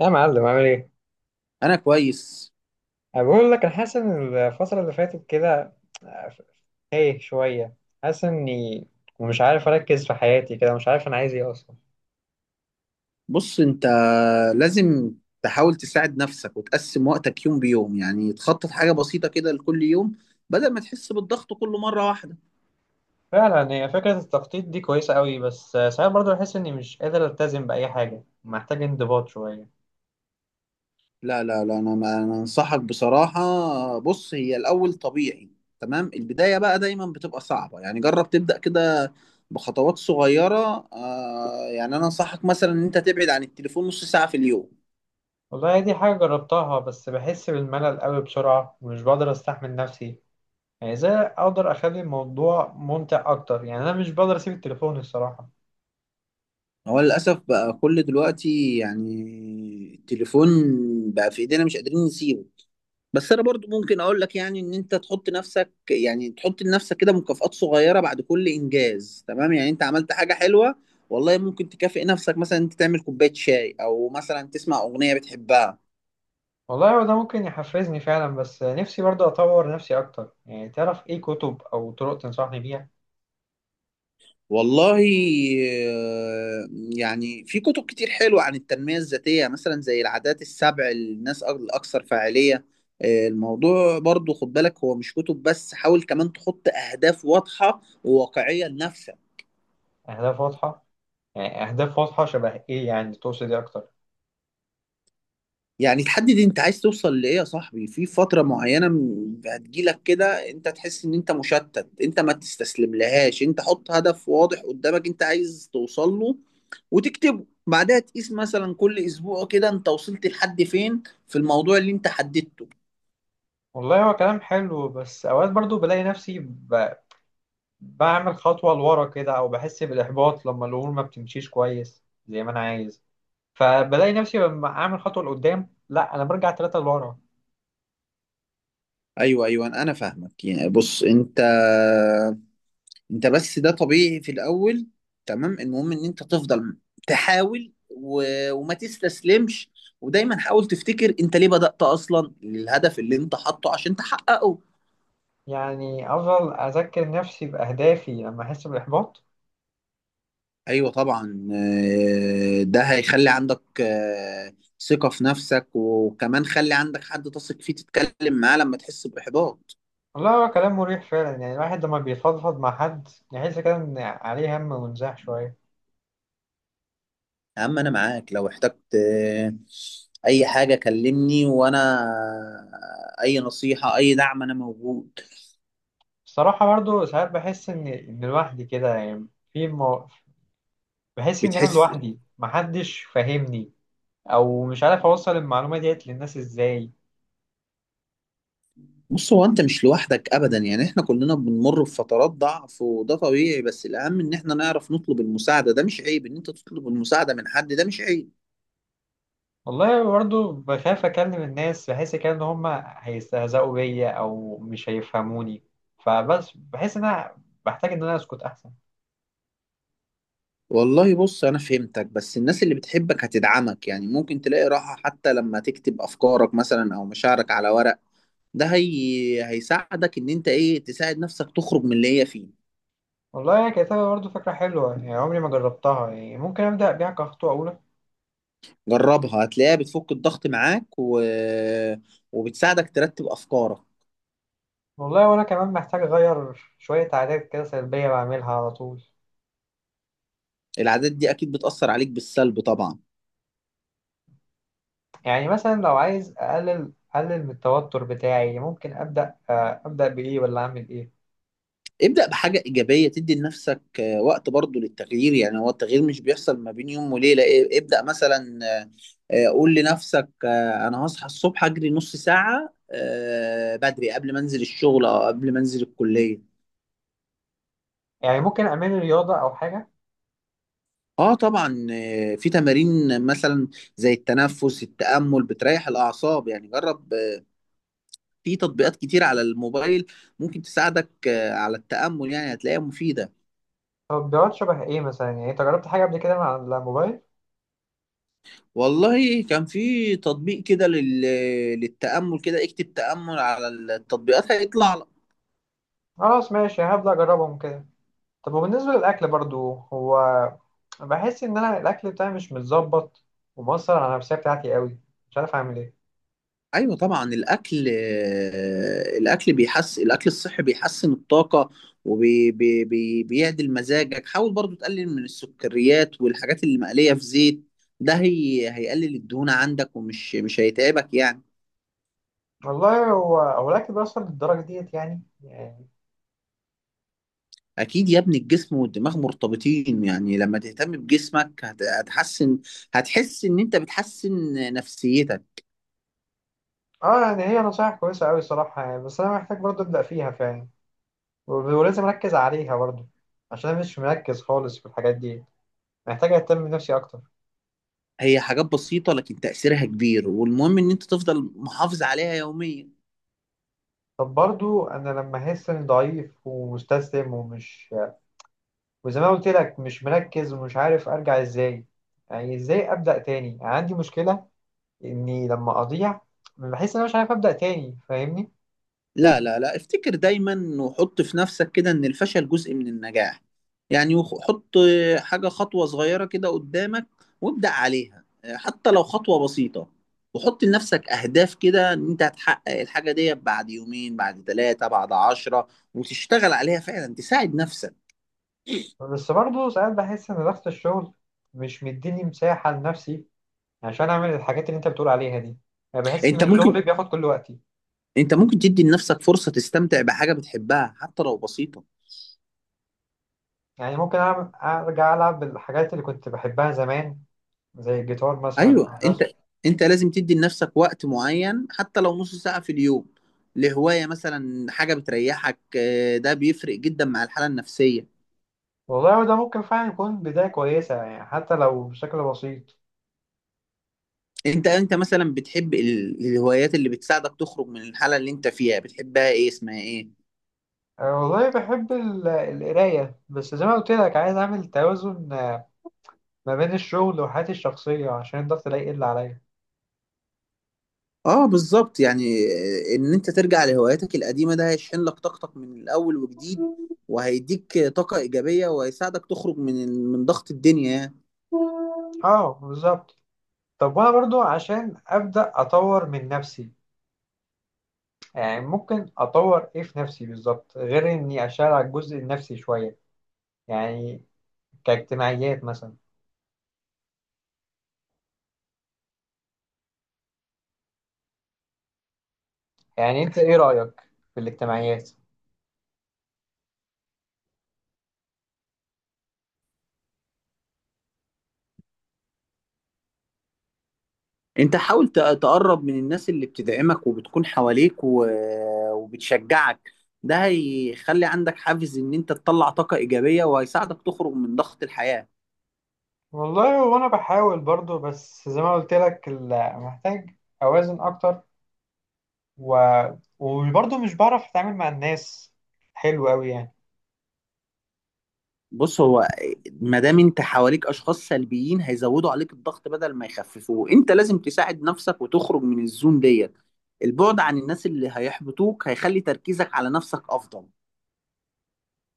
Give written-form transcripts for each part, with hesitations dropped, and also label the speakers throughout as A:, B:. A: يا معلم عامل ايه؟
B: انا كويس.
A: أنا بقول لك انا حاسس ان الفترة اللي فاتت كده تايه شوية، حاسس اني مش عارف اركز في حياتي كده، مش عارف انا عايز ايه اصلا.
B: بص انت، لازم تحاول تساعد نفسك وتقسم وقتك يوم بيوم، يعني تخطط حاجة بسيطة كده لكل يوم، بدل ما تحس بالضغط كل مرة واحدة.
A: فعلا هي فكرة التخطيط دي كويسة قوي، بس ساعات برضه بحس اني مش قادر التزم بأي حاجة، محتاج انضباط شوية.
B: لا لا لا، انا ما أنا انصحك بصراحة. بص، هي الاول طبيعي، تمام. البداية بقى دايما بتبقى صعبة، يعني جرب تبدأ كده بخطوات صغيرة. يعني انا انصحك مثلا ان انت تبعد عن التليفون نص ساعة في اليوم.
A: والله دي حاجة جربتها بس بحس بالملل قوي بسرعة ومش بقدر استحمل نفسي. يعني ازاي اقدر اخلي الموضوع ممتع اكتر؟ يعني انا مش بقدر اسيب التليفون الصراحة.
B: هو للأسف بقى كل دلوقتي، يعني التليفون بقى في إيدينا، مش قادرين نسيبه. بس أنا برضو ممكن أقول لك يعني إن أنت تحط نفسك يعني تحط لنفسك كده مكافآت صغيرة بعد كل إنجاز، تمام. يعني أنت عملت حاجة حلوة، والله ممكن تكافئ نفسك، مثلا أنت تعمل كوباية شاي أو مثلا تسمع أغنية بتحبها.
A: والله هو ده ممكن يحفزني فعلا، بس نفسي برضه أطور نفسي أكتر، يعني تعرف إيه كتب أو طرق تنصحني بيها؟
B: والله، آه، يعني في كتب كتير حلوة عن التنمية الذاتية، مثلا زي العادات السبع للناس الأكثر فاعلية. الموضوع برضو خد بالك هو مش كتب بس، حاول كمان تحط أهداف واضحة وواقعية لنفسك.
A: أهداف واضحة؟ يعني أهداف واضحة شبه إيه؟ يعني تقصد إيه أكتر؟
B: يعني تحدد انت عايز توصل لإيه يا صاحبي في فترة معينة. هتجيلك كده انت تحس ان انت مشتت، انت ما تستسلم لهاش، انت حط هدف واضح قدامك انت عايز توصل له وتكتبه. بعدها تقيس مثلا كل اسبوع كده انت وصلت لحد فين في الموضوع اللي انت حددته.
A: والله هو كلام حلو، بس أوقات برضه بلاقي نفسي بعمل خطوة لورا كده، أو بحس بالإحباط لما الأمور ما بتمشيش كويس زي ما أنا عايز. فبلاقي نفسي لما أعمل خطوة لقدام، لأ أنا برجع تلاتة لورا.
B: ايوه ايوه، انا فاهمك. يعني بص انت بس، ده طبيعي في الاول، تمام. المهم ان انت تفضل تحاول وما تستسلمش، ودايما حاول تفتكر انت ليه بدأت اصلا للهدف اللي انت حاطه عشان تحققه.
A: يعني أفضل أذكر نفسي بأهدافي لما أحس بالإحباط؟
B: ايوه طبعا. ده هيخلي عندك ثقة في نفسك، وكمان خلي عندك حد تثق فيه تتكلم معاه لما تحس بإحباط.
A: والله هو كلام مريح فعلا، يعني الواحد لما بيفضفض مع حد يحس كده إن عليه هم ونزاح شوية.
B: يا عم، انا معاك لو احتجت اي حاجة. كلمني، وانا اي نصيحة اي دعم انا موجود.
A: الصراحة برضو ساعات بحس إن لوحدي كده يعني، في مو... بحس إن أنا
B: بتحس؟
A: لوحدي محدش فاهمني، أو مش عارف أوصل المعلومة ديت للناس إزاي.
B: بص، هو انت مش لوحدك ابدا، يعني احنا كلنا بنمر بفترات ضعف وده طبيعي، بس الاهم ان احنا نعرف نطلب المساعدة. ده مش عيب ان انت تطلب المساعدة من حد، ده مش عيب.
A: والله برضو بخاف أكلم الناس، بحس كده إن هما هيستهزئوا بيا أو مش هيفهموني، فبس بحس إن أنا بحتاج إن أنا أسكت أحسن.
B: والله بص، انا فهمتك، بس الناس اللي بتحبك هتدعمك. يعني ممكن تلاقي راحة حتى لما تكتب افكارك مثلا او مشاعرك على ورق. ده هيساعدك ان انت ايه تساعد نفسك تخرج من اللي هي فيه.
A: والله يا كتابة برضو فكرة حلوة، يعني عمري ما جربتها، يعني ممكن أبدأ بيها كخطوة أولى.
B: جربها، هتلاقيها بتفك الضغط معاك، وبتساعدك ترتب افكارك.
A: والله وانا كمان محتاج اغير شوية عادات كده سلبية بعملها على طول.
B: العادات دي اكيد بتأثر عليك بالسلب طبعا.
A: يعني مثلا لو عايز اقلل من التوتر بتاعي، ممكن ابدا ابدا بايه، ولا اعمل ايه؟
B: ابدأ بحاجة إيجابية تدي لنفسك وقت برضو للتغيير. يعني هو التغيير مش بيحصل ما بين يوم وليلة. ابدأ مثلا، قول لنفسك أنا هصحى الصبح أجري نص ساعة بدري قبل ما أنزل الشغل أو قبل ما أنزل الكلية.
A: يعني ممكن اعمل رياضة او حاجة.
B: اه طبعا. في تمارين، مثلا زي التنفس، التأمل بتريح الأعصاب، يعني جرب. في تطبيقات كتير على الموبايل ممكن تساعدك على التأمل، يعني هتلاقيها مفيدة.
A: تطبيقات شبه ايه مثلا؟ يعني انت جربت حاجة قبل كده مع الموبايل؟
B: والله كان في تطبيق كده للتأمل كده. اكتب تأمل على التطبيقات هيطلع لك.
A: خلاص ماشي، هبدا اجربهم كده. طب وبالنسبة للاكل برضو، هو بحس ان انا الاكل بتاعي مش متظبط، ومؤثر على النفسية بتاعتي قوي، مش عارف اعمل ايه.
B: ايوه طبعا، الاكل، الاكل بيحسن الاكل الصحي بيحسن الطاقة وبيعدل. بيعدل مزاجك. حاول برضو تقلل من السكريات والحاجات اللي مقلية في زيت، ده هيقلل الدهون عندك، ومش مش هيتعبك يعني.
A: والله هو الاكل بيأثر للدرجة ديت يعني؟ يعني
B: اكيد يا ابني، الجسم والدماغ مرتبطين. يعني لما تهتم بجسمك هتحسن، هتحس ان انت بتحسن نفسيتك.
A: اه، يعني هي نصايح كويسة أوي صراحة، يعني بس أنا محتاج برضه أبدأ فيها فعلا، ولازم أركز عليها برضه، عشان أنا مش مركز خالص في الحاجات دي، محتاج أهتم بنفسي أكتر.
B: هي حاجات بسيطة لكن تأثيرها كبير، والمهم إن أنت تفضل محافظ عليها يوميا.
A: طب برضه أنا لما أحس إني ضعيف ومستسلم ومش، وزي ما قلت لك مش مركز ومش عارف أرجع إزاي، يعني إزاي أبدأ تاني؟ يعني عندي مشكلة إني لما أضيع بحس إن أنا مش عارف أبدأ تاني، فاهمني؟
B: لا لا لا، افتكر دايما وحط في نفسك كده إن الفشل جزء من النجاح. يعني حط خطوة صغيرة كده قدامك وابدأ عليها، حتى لو خطوة بسيطة. وحط لنفسك أهداف كده إن أنت هتحقق الحاجة دي بعد يومين، بعد 3، بعد 10، وتشتغل عليها فعلا تساعد نفسك.
A: بس برضه ساعات بحس إن ضغط الشغل مش مديني مساحة لنفسي عشان اعمل الحاجات اللي انت بتقول عليها دي. يعني بحس
B: أنت
A: ان
B: ممكن
A: الشغل بياخد كل وقتي.
B: أنت ممكن تدي لنفسك فرصة تستمتع بحاجة بتحبها حتى لو بسيطة.
A: يعني ممكن أعمل ارجع العب الحاجات اللي كنت بحبها زمان، زي الجيتار مثلا
B: ايوه،
A: أو
B: انت
A: الرسم.
B: انت لازم تدي لنفسك وقت معين حتى لو نص ساعة في اليوم لهواية مثلا، حاجة بتريحك. ده بيفرق جدا مع الحالة النفسية.
A: والله ده ممكن فعلا يكون بداية كويسة، يعني حتى لو بشكل بسيط.
B: انت مثلا بتحب الهوايات اللي بتساعدك تخرج من الحالة اللي انت فيها، بتحبها ايه؟ اسمها ايه؟
A: أه والله بحب القراية، بس زي ما قلت لك عايز اعمل توازن ما بين الشغل وحياتي الشخصية عشان الضغط لا يقل عليا.
B: اه بالظبط. يعني ان انت ترجع لهواياتك القديمة ده هيشحن لك طاقتك من الاول وجديد، وهيديك طاقة ايجابية وهيساعدك تخرج من من ضغط الدنيا يعني.
A: اه بالظبط. طب وانا برضو عشان ابدا اطور من نفسي، يعني ممكن اطور ايه في نفسي بالظبط غير اني اشتغل على الجزء النفسي شويه؟ يعني كاجتماعيات مثلا، يعني انت ايه رايك في الاجتماعيات؟
B: انت حاول تقرب من الناس اللي بتدعمك وبتكون حواليك وبتشجعك. ده هيخلي عندك حافز ان انت تطلع طاقة ايجابية وهيساعدك تخرج من ضغط الحياة.
A: والله وانا بحاول برضو، بس زي ما قلت لك محتاج اوازن اكتر، و... وبرضو مش بعرف اتعامل مع الناس حلو قوي يعني.
B: بص، هو ما دام انت حواليك اشخاص سلبيين هيزودوا عليك الضغط بدل ما يخففوه، انت لازم تساعد نفسك وتخرج من الزون ديت. البعد عن الناس اللي هيحبطوك هيخلي تركيزك على نفسك افضل.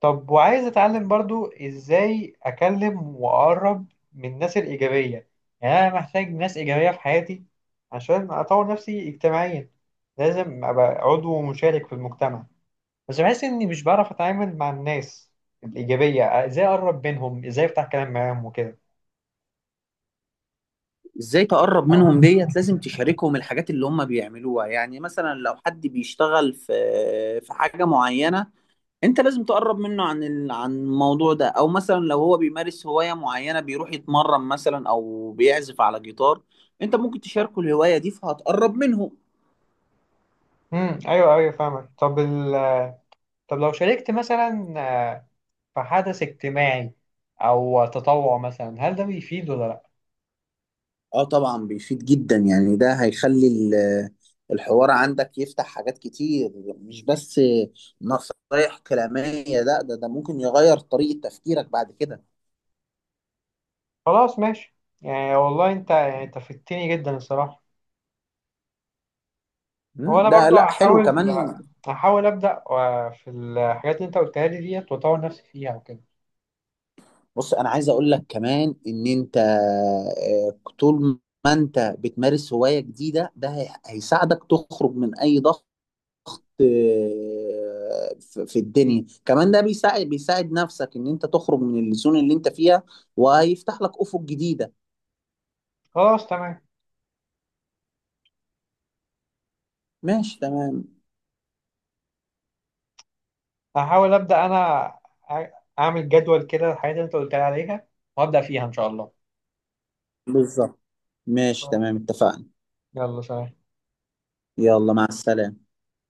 A: طب وعايز اتعلم برضو ازاي اكلم واقرب من الناس الايجابيه. يعني انا محتاج ناس ايجابيه في حياتي عشان اطور نفسي اجتماعيا، لازم ابقى عضو مشارك في المجتمع. بس بحس اني مش بعرف اتعامل مع الناس الايجابيه، ازاي اقرب منهم، ازاي افتح كلام معاهم وكده.
B: ازاي تقرب منهم ديت؟ لازم تشاركهم الحاجات اللي هم بيعملوها. يعني مثلا لو حد بيشتغل في حاجة معينة، انت لازم تقرب منه عن عن الموضوع ده. او مثلا لو هو بيمارس هواية معينة، بيروح يتمرن مثلا او بيعزف على جيتار، انت ممكن تشاركه الهواية دي فهتقرب منه.
A: امم، ايوه ايوه فاهمك. طب لو شاركت مثلا في حدث اجتماعي او تطوع مثلا، هل ده بيفيد ولا لا؟
B: اه طبعا بيفيد جدا، يعني ده هيخلي الحوار عندك يفتح حاجات كتير، مش بس نصايح كلامية لا، ده ممكن يغير طريقة تفكيرك بعد كده.
A: خلاص ماشي. يعني والله انت، يعني انت فدتني جدا الصراحه. وانا
B: ده
A: برضو
B: لا حلو كمان.
A: هحاول ابدا في الحاجات اللي انت قلتها لي ديت، واطور نفسي فيها وكده.
B: بص، انا عايز اقول لك كمان ان انت طول ما انت بتمارس هواية جديدة ده هيساعدك تخرج من اي ضغط في الدنيا كمان. ده بيساعد نفسك ان انت تخرج من الزون اللي انت فيها، وهيفتح لك افق جديدة.
A: خلاص تمام.
B: ماشي تمام.
A: هحاول ابدا انا أع- اعمل جدول كده الحاجات اللي انت قلت لي عليها وابدا فيها ان شاء الله.
B: بالظبط، ماشي تمام، اتفقنا.
A: يلا سلام.
B: يلا مع السلامة.